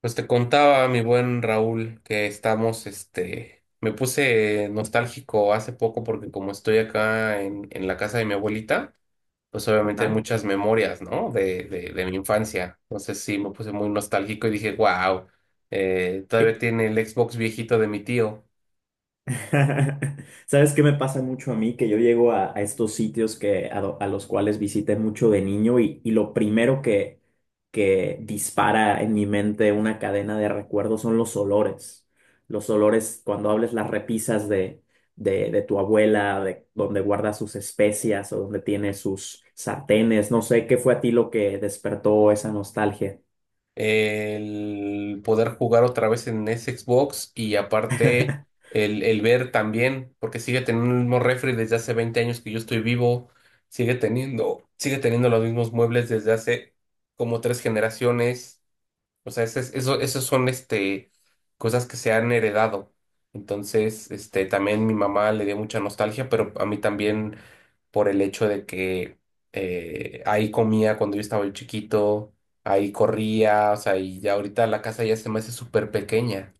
Pues te contaba, mi buen Raúl, que estamos, me puse nostálgico hace poco porque como estoy acá en la casa de mi abuelita, pues obviamente hay Ajá. muchas memorias, ¿no? De mi infancia. Entonces sí, me puse muy nostálgico y dije, wow, todavía ¿Qué? tiene el Xbox viejito de mi tío. ¿Sabes qué me pasa mucho a mí? Que yo llego a estos sitios que, a los cuales visité mucho de niño y lo primero que dispara en mi mente una cadena de recuerdos son los olores. Los olores, cuando hables las repisas de tu abuela, de donde guarda sus especias o donde tiene sus sartenes, no sé, ¿qué fue a ti lo que despertó esa nostalgia? El poder jugar otra vez en ese Xbox y aparte el ver también, porque sigue teniendo el mismo refri desde hace 20 años que yo estoy vivo, sigue teniendo los mismos muebles desde hace como tres generaciones. O sea, esos son cosas que se han heredado. Entonces, también mi mamá le dio mucha nostalgia, pero a mí también por el hecho de que ahí comía cuando yo estaba chiquito, ahí corría, o sea, y ya ahorita la casa ya se me hace súper pequeña.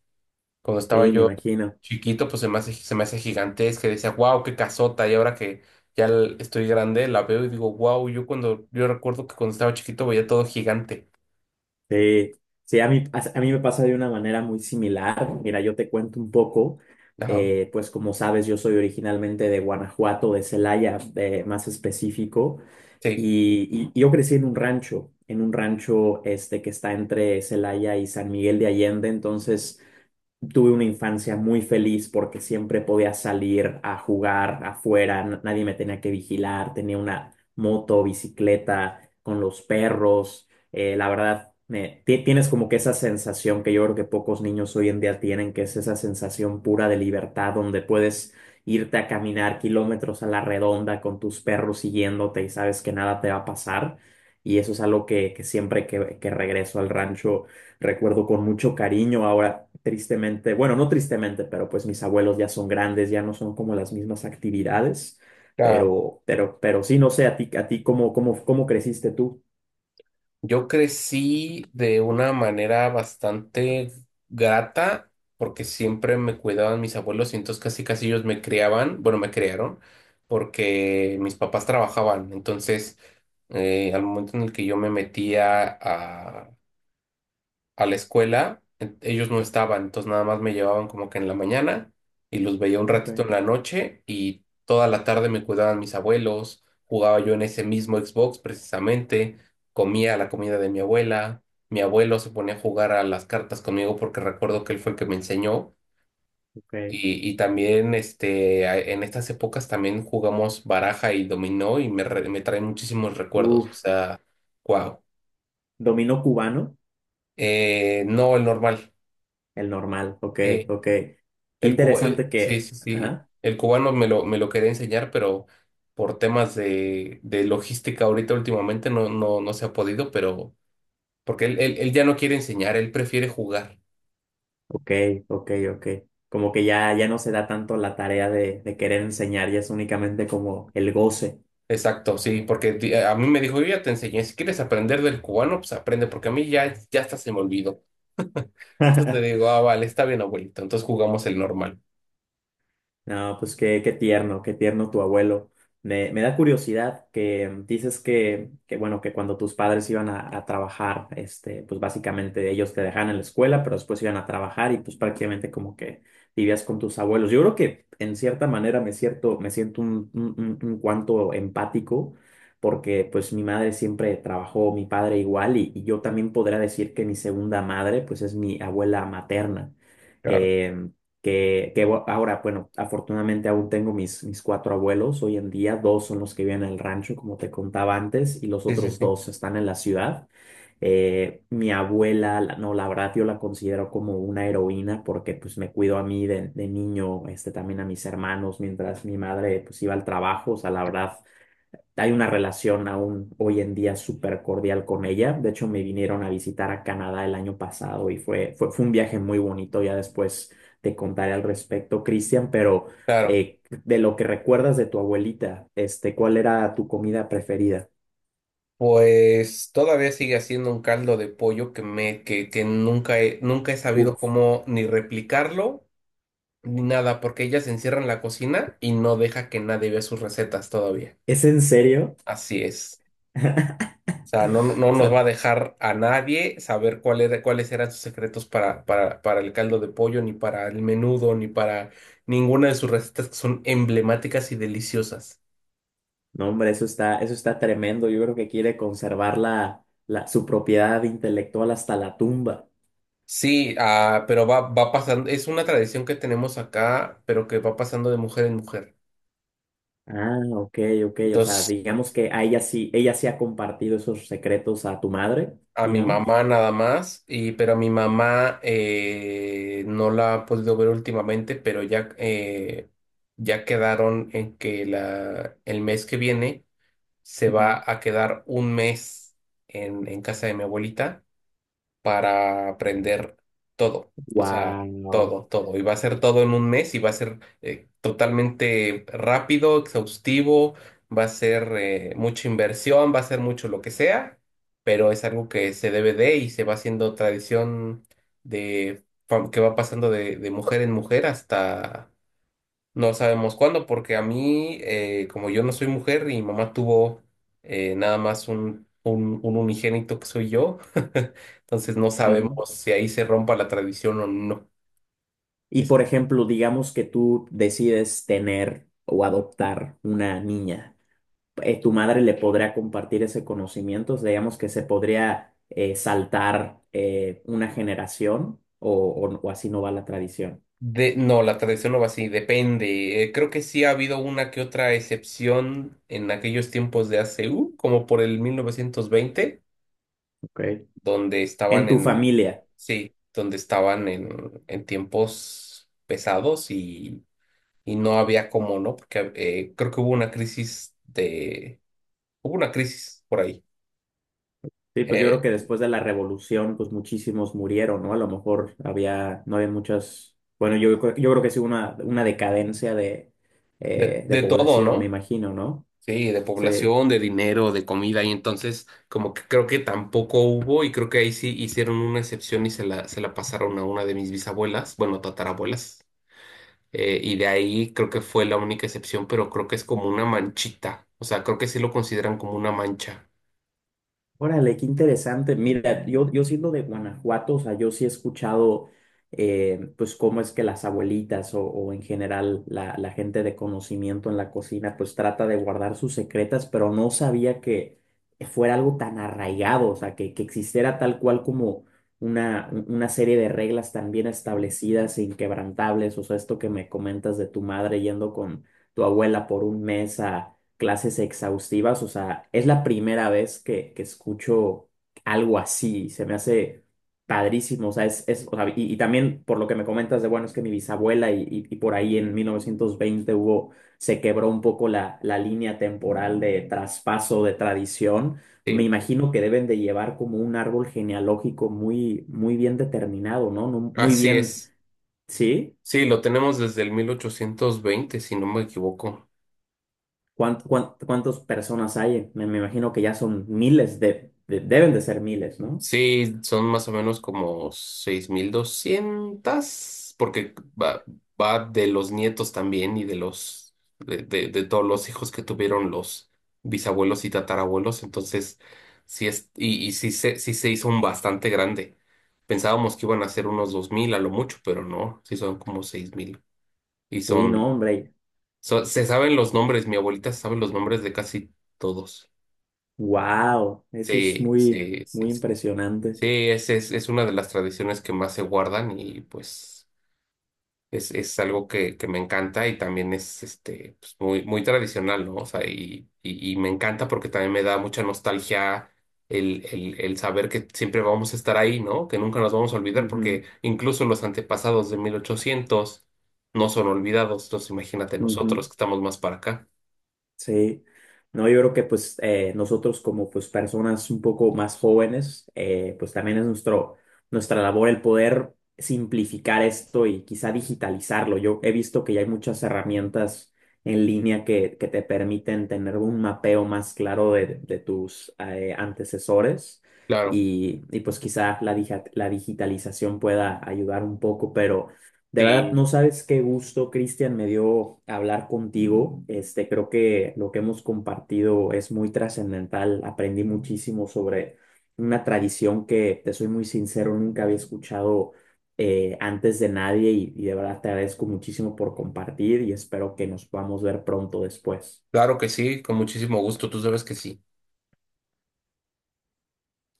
Cuando estaba Sí, me yo imagino. chiquito, pues se me hace gigantesca, y decía, wow, qué casota, y ahora que estoy grande, la veo y digo, wow, yo recuerdo que cuando estaba chiquito veía todo gigante. Sí, sí, a mí me pasa de una manera muy similar. Mira, yo te cuento un poco, Ajá, pues como sabes, yo soy originalmente de Guanajuato, de Celaya, más específico, sí. y yo crecí en un rancho este que está entre Celaya y San Miguel de Allende, entonces... Tuve una infancia muy feliz porque siempre podía salir a jugar afuera, nadie me tenía que vigilar, tenía una moto, bicicleta, con los perros. Eh, la verdad, tienes como que esa sensación que yo creo que pocos niños hoy en día tienen, que es esa sensación pura de libertad donde puedes irte a caminar kilómetros a la redonda con tus perros siguiéndote y sabes que nada te va a pasar. Y eso es algo que siempre que regreso al rancho recuerdo con mucho cariño. Ahora, tristemente, bueno, no tristemente, pero pues mis abuelos ya son grandes, ya no son como las mismas actividades, Claro. Pero sí, no sé, a ti, ¿cómo, cómo, cómo creciste tú? Yo crecí de una manera bastante grata porque siempre me cuidaban mis abuelos y entonces casi casi ellos me criaban, bueno, me criaron porque mis papás trabajaban. Entonces, al momento en el que yo me metía a la escuela, ellos no estaban, entonces nada más me llevaban como que en la mañana y los veía un Ok, ratito en la noche y toda la tarde me cuidaban mis abuelos, jugaba yo en ese mismo Xbox precisamente, comía la comida de mi abuela, mi abuelo se ponía a jugar a las cartas conmigo porque recuerdo que él fue el que me enseñó. ok. Y también en estas épocas también jugamos baraja y dominó y me traen muchísimos recuerdos. O Uf, sea, wow. dominó cubano, No, el normal. el normal, ok, Sí. ok. Qué interesante Sí, que, sí, sí. ajá, El cubano me lo quería enseñar, pero por temas de logística ahorita últimamente no se ha podido, pero porque él ya no quiere enseñar, él prefiere jugar. ok, ok, ok. Como que ya, ya no se da tanto la tarea de querer enseñar, ya es únicamente como el goce. Exacto, sí, porque a mí me dijo, yo ya te enseñé, si quieres aprender del cubano, pues aprende, porque a mí ya hasta se me olvidó. Entonces le digo, ah, vale, está bien, abuelito. Entonces jugamos el normal. No, pues qué, qué tierno tu abuelo. Me da curiosidad que dices que, bueno, que cuando tus padres iban a trabajar, este, pues básicamente ellos te dejaban en la escuela, pero después iban a trabajar y pues prácticamente como que vivías con tus abuelos. Yo creo que en cierta manera me siento un cuanto empático porque pues mi madre siempre trabajó, mi padre igual y yo también podría decir que mi segunda madre pues es mi abuela materna. Claro. Em, que, ahora, bueno, afortunadamente aún tengo mis cuatro abuelos hoy en día, dos son los que viven en el rancho, como te contaba antes, y los Sí, sí, otros sí. dos están en la ciudad. Mi abuela, no, la verdad yo la considero como una heroína porque pues me cuidó a mí de niño, este, también a mis hermanos, mientras mi madre pues iba al trabajo, o sea, la verdad. Hay una relación aún hoy en día súper cordial con ella. De hecho, me vinieron a visitar a Canadá el año pasado y fue un viaje muy bonito. Ya después te contaré al respecto, Cristian, pero Claro. De lo que recuerdas de tu abuelita, este, ¿cuál era tu comida preferida? Pues todavía sigue siendo un caldo de pollo que nunca he sabido Uf, cómo ni replicarlo ni nada, porque ella se encierra en la cocina y no deja que nadie vea sus recetas todavía. ¿es en serio? Así es. O sea, no, no O nos va a sea, dejar a nadie saber cuáles eran sus secretos para el caldo de pollo, ni para el menudo, ni para ninguna de sus recetas que son emblemáticas y deliciosas. no, hombre, eso está tremendo. Yo creo que quiere conservar su propiedad intelectual hasta la tumba. Sí, ah, pero va pasando, es una tradición que tenemos acá, pero que va pasando de mujer en mujer. Ah, ok, ok. O sea, Entonces, digamos que a ella sí ha compartido esos secretos a tu madre, a mi digamos. mamá nada más, y pero a mi mamá no la ha podido ver últimamente, pero ya, ya quedaron en que el mes que viene se va a quedar un mes en casa de mi abuelita, para aprender todo, o sea, Wow. todo, todo. Y va a ser todo en un mes y va a ser totalmente rápido, exhaustivo, va a ser mucha inversión, va a ser mucho lo que sea, pero es algo que se debe de y se va haciendo tradición que va pasando de mujer en mujer hasta no sabemos cuándo, porque a mí, como yo no soy mujer y mi mamá tuvo nada más un unigénito que soy yo, entonces no sabemos si ahí se rompa la tradición o no. Y Es- por ejemplo, digamos que tú decides tener o adoptar una niña. Eh, tu madre le podrá compartir ese conocimiento. O sea, digamos que se podría saltar una generación o así no va la tradición. De, no, la tradición no va así, depende. Creo que sí ha habido una que otra excepción en aquellos tiempos de A.C. u como por el 1920 Ok. donde En estaban tu en, familia. sí, donde estaban en tiempos pesados y no había cómo, ¿no? Porque creo que hubo una crisis hubo una crisis por ahí, Sí, pues yo creo eh, que después de la revolución, pues muchísimos murieron, ¿no? A lo mejor había, no había muchas, bueno, yo creo que sí una decadencia de de todo, población, me ¿no? imagino, ¿no? Sí, de Sí. población, de dinero, de comida, y entonces como que creo que tampoco hubo, y creo que ahí sí hicieron una excepción y se la pasaron a una de mis bisabuelas, bueno, tatarabuelas, y de ahí creo que fue la única excepción, pero creo que es como una manchita, o sea, creo que sí lo consideran como una mancha. Órale, qué interesante. Mira, yo siendo de Guanajuato, o sea, yo sí he escuchado, pues, cómo es que las abuelitas o en general la gente de conocimiento en la cocina, pues, trata de guardar sus secretas, pero no sabía que fuera algo tan arraigado, o sea, que existiera tal cual como una serie de reglas tan bien establecidas e inquebrantables. O sea, esto que me comentas de tu madre yendo con tu abuela por un mes clases exhaustivas. O sea, es la primera vez que escucho algo así. Se me hace padrísimo. O sea, o sea, y también por lo que me comentas de, bueno, es que mi bisabuela y por ahí en 1920 hubo, se quebró un poco la línea temporal de traspaso de tradición. Me Sí, imagino que deben de llevar como un árbol genealógico muy, muy bien determinado, ¿no? No, muy así bien, es. ¿sí? Sí, lo tenemos desde el 1820 si no me equivoco. ¿Cuántas personas hay? Me imagino que ya son miles deben de ser miles, ¿no? Sí, son más o menos como 6.200, porque va, va de los nietos también y de los de todos los hijos que tuvieron los bisabuelos y tatarabuelos. Entonces, sí es, y sí se hizo un bastante grande. Pensábamos que iban a ser unos 2.000 a lo mucho, pero no, sí son como 6.000. Y Sí, no, son, hombre. Se saben los nombres, mi abuelita sabe los nombres de casi todos. Wow, eso es Sí, muy, sí, sí, muy sí. impresionante. Sí, es una de las tradiciones que más se guardan y pues es algo que me encanta y también es pues, muy, muy tradicional, ¿no? O sea, y me encanta porque también me da mucha nostalgia el saber que siempre vamos a estar ahí, ¿no? Que nunca nos vamos a olvidar Ujú, porque incluso los antepasados de 1800 no son olvidados, entonces imagínate ujú. nosotros que estamos más para acá. Sí, no, yo creo que pues nosotros como pues personas un poco más jóvenes, pues también es nuestro, nuestra labor el poder simplificar esto y quizá digitalizarlo. Yo he visto que ya hay muchas herramientas en línea que te permiten tener un mapeo más claro de tus antecesores Claro, y pues quizá la digitalización pueda ayudar un poco, pero... De verdad, sí, no sabes qué gusto, Cristian, me dio hablar contigo. Este, creo que lo que hemos compartido es muy trascendental. Aprendí muchísimo sobre una tradición que, te soy muy sincero, nunca había escuchado antes de nadie y de verdad te agradezco muchísimo por compartir y espero que nos podamos ver pronto después. claro que sí, con muchísimo gusto, tú sabes que sí.